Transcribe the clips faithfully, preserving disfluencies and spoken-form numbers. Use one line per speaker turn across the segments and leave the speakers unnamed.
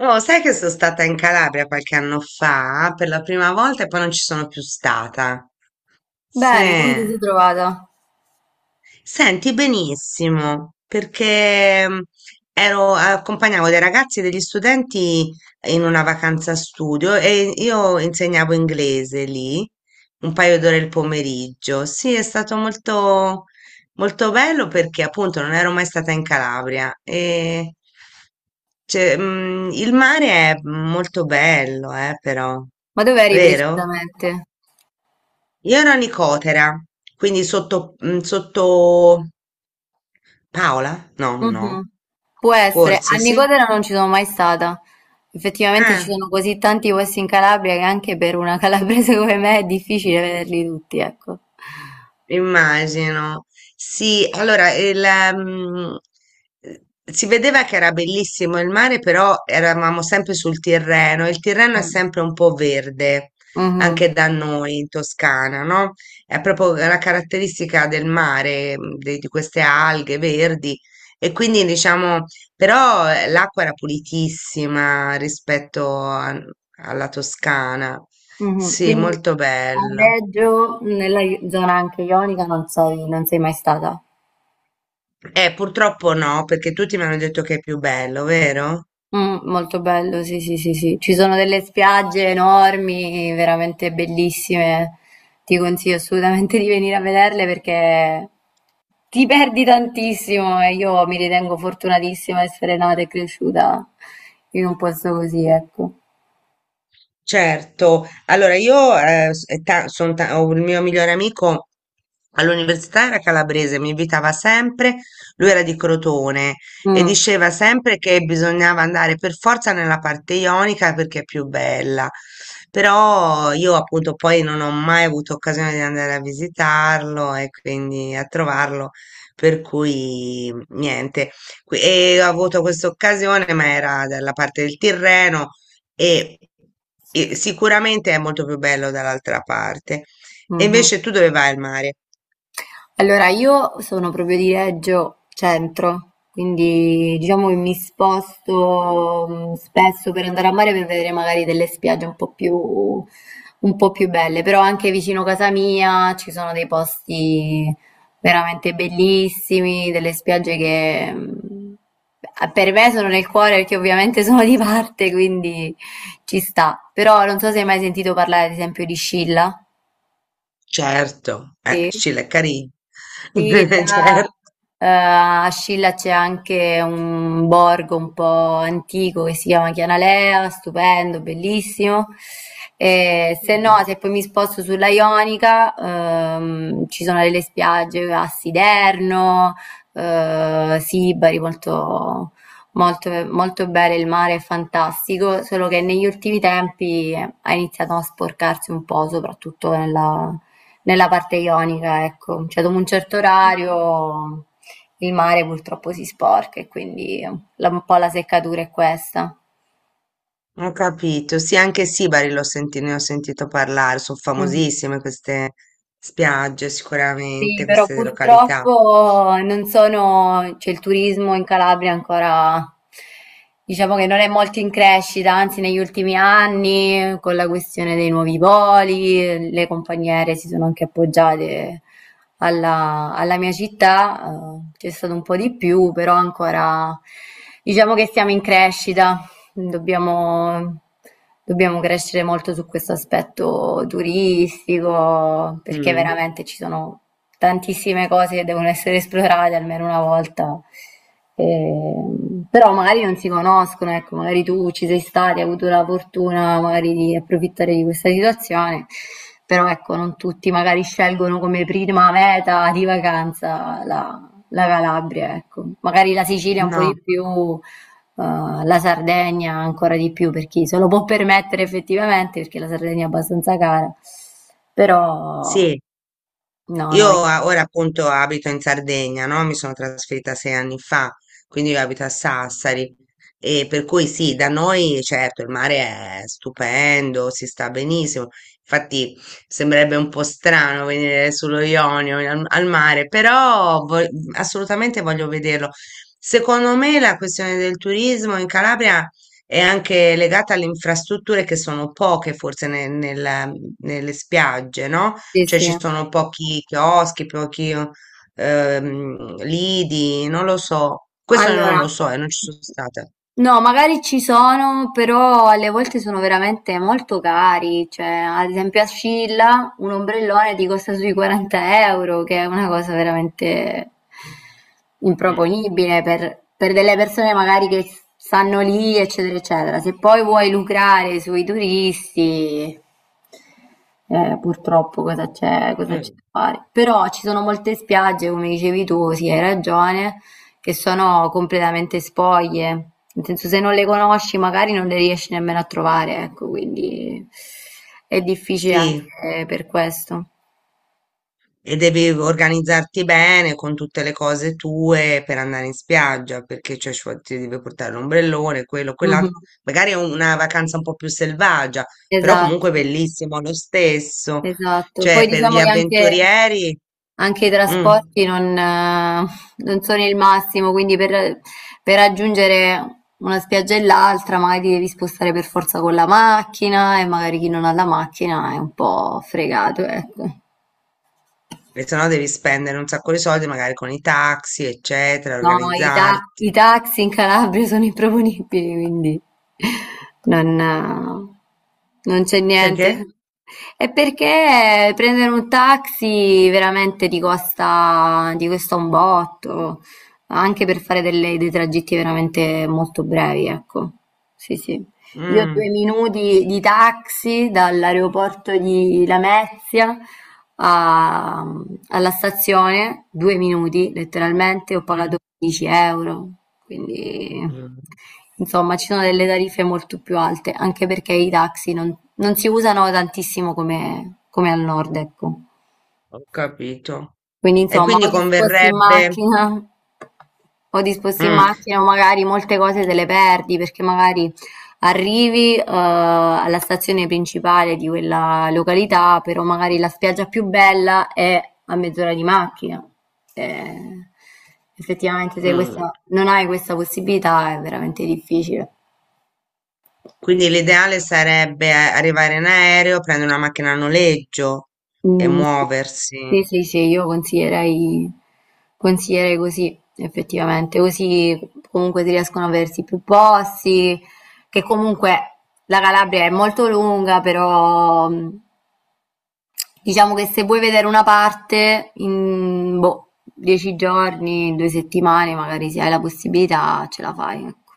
Oh, sai che sono stata in Calabria qualche anno fa per la prima volta e poi non ci sono più stata.
Bene, come ti
Sì.
sei trovata?
Senti benissimo, perché mm, ero, accompagnavo dei ragazzi e degli studenti in una vacanza studio e io insegnavo inglese lì un paio d'ore il pomeriggio. Sì, è stato molto, molto bello perché appunto non ero mai stata in Calabria e cioè, mm, il mare è molto bello, eh, però,
Ma dove eri
vero?
precisamente?
Io ero a Nicotera, quindi sotto, mm, sotto Paola? No, no.
Mhm. Può essere, a
Forse sì.
Nicotera non ci sono mai stata. Effettivamente ci
Eh,
sono così tanti posti in Calabria che anche per una calabrese come me è difficile vederli tutti, ecco.
immagino. Sì, allora il, ehm, eh, si vedeva che era bellissimo il mare, però eravamo sempre sul Tirreno. e Il Tirreno è
Mm.
sempre un po' verde,
Mhm.
anche da noi in Toscana, no? È proprio la caratteristica del mare, mm, de- di queste alghe verdi. E quindi diciamo, però eh, l'acqua era pulitissima rispetto a- alla Toscana.
Mhm.
Sì,
Quindi
molto
a
bello.
Reggio, nella i- zona anche ionica, non sei, non sei mai stata.
Eh, purtroppo no, perché tutti mi hanno detto che è più bello, vero?
Mh, molto bello, sì, sì, sì, sì. Ci sono delle spiagge enormi, veramente bellissime. Ti consiglio assolutamente di venire a vederle perché ti perdi tantissimo e io mi ritengo fortunatissima di essere nata e cresciuta in un posto così, ecco.
Certo, allora io eh, s- eh, ta- son ta- ho il mio migliore amico all'università era calabrese, mi invitava sempre, lui era di Crotone e
Mh,
diceva sempre che bisognava andare per forza nella parte ionica perché è più bella, però io appunto poi non ho mai avuto occasione di andare a visitarlo e quindi a trovarlo, per cui niente, Qui- e ho avuto questa occasione ma era dalla parte del Tirreno e, e sicuramente è molto più bello dall'altra parte. E
mh-mh.
invece tu dove vai al mare?
Allora io sono proprio di Reggio Centro, quindi diciamo che mi sposto mm, spesso per andare a mare per vedere magari delle spiagge un po' più, un po' più belle, però anche vicino casa mia ci sono dei posti veramente bellissimi, delle spiagge che mm, per me sono nel cuore perché ovviamente sono di parte, quindi ci sta. Però non so se hai mai sentito parlare ad esempio di Scilla.
Certo, eh,
Sì.
Scilaccarì.
Sì, là,
Certo.
eh, a Scilla c'è anche un borgo un po' antico che si chiama Chianalea, stupendo, bellissimo. E se no,
Mm.
se poi mi sposto sulla Ionica, ehm, ci sono delle spiagge a Siderno, eh, Sibari, molto, molto, molto belle, il mare è fantastico, solo che negli ultimi tempi ha iniziato a sporcarsi un po', soprattutto nella nella parte ionica, ecco. Cioè dopo un certo orario il mare purtroppo si sporca e quindi la un po' la seccatura è questa.
Ho capito. Sì, anche Sibari l'ho senti- ne ho sentito parlare, sono
Mh-mh.
famosissime queste spiagge,
Sì,
sicuramente,
però
queste località.
purtroppo non sono, cioè il turismo in Calabria è ancora, diciamo che non è molto in crescita, anzi negli ultimi anni con la questione dei nuovi voli, le compagnie aeree si sono anche appoggiate alla, alla mia città, eh, c'è stato un po' di più, però ancora diciamo che siamo in crescita. Dobbiamo, dobbiamo crescere molto su questo aspetto turistico, perché
Mm.
veramente ci sono tantissime cose che devono essere esplorate almeno una volta. Ehm, però magari non si conoscono, ecco, magari tu ci sei stata, hai avuto la fortuna magari di approfittare di questa situazione, però ecco, non tutti magari scelgono come prima meta di vacanza la, la Calabria, ecco. Magari la Sicilia un po' di
No,
più, uhm, la Sardegna ancora di più per chi se lo può permettere effettivamente, perché la Sardegna è abbastanza cara. Però
sì.
no, no,
Io a- ora appunto abito in Sardegna, no? Mi sono trasferita sei anni fa, quindi io abito a Sassari e per cui sì, da noi certo il mare è stupendo, si sta benissimo. Infatti sembrerebbe un po' strano venire sullo Ionio al, al mare, però vo- assolutamente voglio vederlo. Secondo me la questione del turismo in Calabria è anche legata alle infrastrutture che sono poche forse ne- nella- nelle spiagge, no?
sì,
Cioè
sì.
ci sono pochi chioschi, pochi ehm, lidi, non lo so. Questo non
Allora,
lo so e non ci sono stata.
no, magari ci sono, però alle volte sono veramente molto cari. Cioè, ad esempio a Scilla un ombrellone ti costa sui quaranta euro, che è una cosa veramente
Mm.
improponibile per, per delle persone magari che stanno lì, eccetera, eccetera. Se poi vuoi lucrare sui turisti, eh, purtroppo cosa c'è, cosa c'è
Eh,
da fare? Però ci sono molte spiagge, come dicevi tu, sì, hai ragione che sono completamente spoglie. Nel senso, se non le conosci, magari non le riesci nemmeno a trovare, ecco, quindi è difficile anche
sì,
per questo.
e devi organizzarti bene con tutte le cose tue per andare in spiaggia, perché cioè, ci vuole- ti devi portare l'ombrellone, quello, quell'altro.
Mhm.
Magari è una vacanza un po' più selvaggia, però
Esatto,
comunque bellissimo lo stesso.
esatto. Poi
Cioè, per gli
diciamo che anche,
avventurieri.
anche i
Mm.
trasporti non, eh, non sono il massimo, quindi per, per raggiungere una spiaggia e l'altra magari ti devi spostare per forza con la macchina e magari chi non ha la macchina è un po' fregato, ecco.
E se no devi spendere un sacco di soldi, magari con i taxi, eccetera,
No, i, ta- i
organizzarti.
taxi in Calabria sono improponibili, quindi non, non c'è niente.
Perché?
È perché prendere un taxi veramente ti costa, ti costa un botto, anche per fare delle- dei tragitti veramente molto brevi, ecco. Sì, sì. Io due
Mm,
minuti di taxi dall'aeroporto di Lamezia a- alla stazione, due minuti letteralmente, ho
mm,
pagato dieci euro, quindi
mm,
insomma ci sono delle tariffe molto più alte, anche perché i taxi non, non si usano tantissimo come, come al nord, ecco.
ho capito.
Quindi
E
insomma
quindi
o disposti in
converrebbe.
macchina o disposti in
Mm,
macchina o magari molte cose te le perdi perché magari arrivi, eh, alla stazione principale di quella località, però magari la spiaggia più bella è a mezz'ora di macchina. Eh, effettivamente se
mm.
questa- non hai questa possibilità è veramente difficile.
Quindi l'ideale sarebbe eh, arrivare in aereo, prendere una macchina a noleggio e
Mhmm, sì.
muoversi.
Sì, sì, sì, io consiglierei consiglierei così, effettivamente. Così comunque si riescono ad aversi più posti, che comunque la Calabria è molto lunga, però, mhmm, diciamo che se vuoi vedere una parte in, boh, dieci giorni, due settimane, magari se hai la possibilità ce la fai, ecco.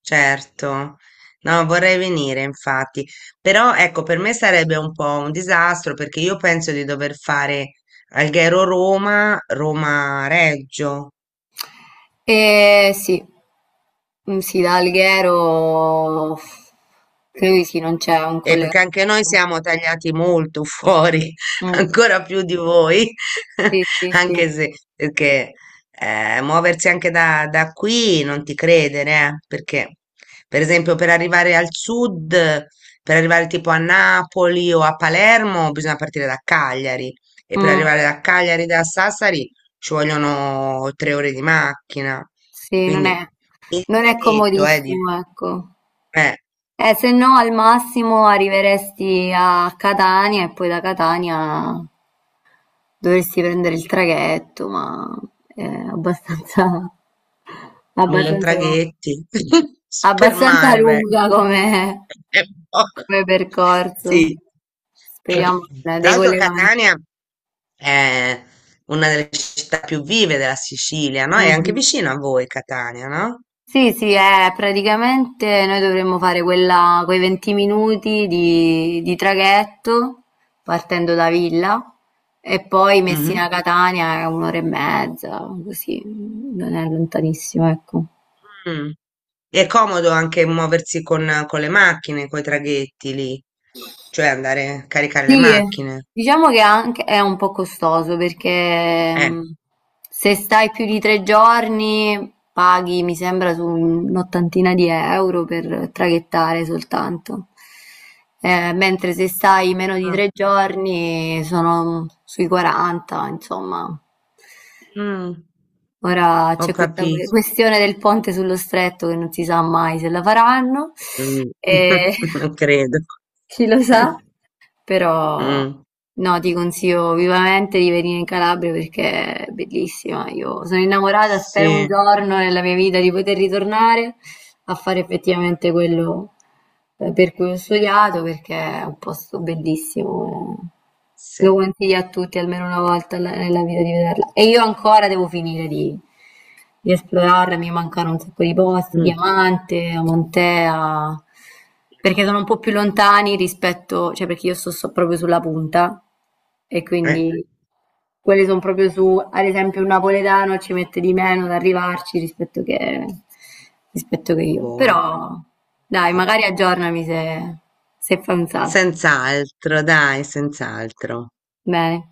Certo, no, vorrei venire infatti, però ecco, per me sarebbe un po' un disastro perché io penso di dover fare Alghero-Roma, Roma-Reggio.
Ehm, sì. Mhmm, sì, da Alghero credo di sì, non c'è un
Eh,
collegamento.
perché anche noi siamo tagliati molto fuori,
Mh,
ancora più di voi,
sì, sì, sì.
anche se perché eh, muoversi anche da, da qui non ti credere, eh, perché per esempio per arrivare al sud, per arrivare tipo a Napoli o a Palermo, bisogna partire da Cagliari e per
Mh,
arrivare da Cagliari da Sassari ci vogliono tre ore di macchina,
sì, non è
quindi il
non è
traghetto, eh,
comodissimo,
dico,
ecco.
eh.
Eh, se no al massimo arriveresti a Catania e poi da Catania dovresti prendere il traghetto, ma è abbastanza
mille
abbastanza co
traghetti,
abbastanza
spermare
lunga
vengo.
come
È un po'.
come percorso.
Sì.
Speriamo eh,
Tra
dei
l'altro
collegamenti.
Catania è una delle città più vive della Sicilia, no? È anche
Mh-mh.
vicino a voi Catania, no?
Sì, sì, eh, praticamente noi dovremmo fare quella, quei venti minuti di, di traghetto partendo da Villa e poi
Mhm.
Messina-Catania è un'ora e mezza, così non è lontanissimo, ecco.
Mm. È comodo anche muoversi con, con le macchine, con i traghetti lì, cioè andare a caricare le
Sì, eh,
macchine.
diciamo che anche è un po' costoso perché
Eh.
mh, se stai più di tre giorni paghi, mi sembra, su un'ottantina di euro per traghettare soltanto. Eh, mentre se stai meno di
Ah.
tre giorni sono sui quaranta, insomma.
Mm,
Ora
ho
c'è questa que-
capito.
questione del ponte sullo stretto che non si sa mai se la faranno,
Mh,
e
lo credo.
chi lo sa. Però
Mh,
no, ti consiglio vivamente di venire in Calabria perché è bellissima. Io sono innamorata, spero un
sì,
giorno nella mia vita di poter ritornare a fare effettivamente quello eh, per cui ho studiato perché è un posto bellissimo. eh.
sì.
Lo consiglio a tutti almeno una volta alla- nella vita di vederla. E io ancora devo finire di, di esplorarla, mi mancano un sacco di posti,
Mh,
Diamante, Montea. Perché sono un po' più lontani rispetto cioè perché io sto, sto proprio sulla punta e
eh,
quindi quelli sono proprio su, ad esempio un napoletano ci mette di meno ad arrivarci rispetto che, rispetto che io.
vuoi.
Però dai, magari aggiornami se, se fai un salto.
Senz'altro, dai, senz'altro.
Bene.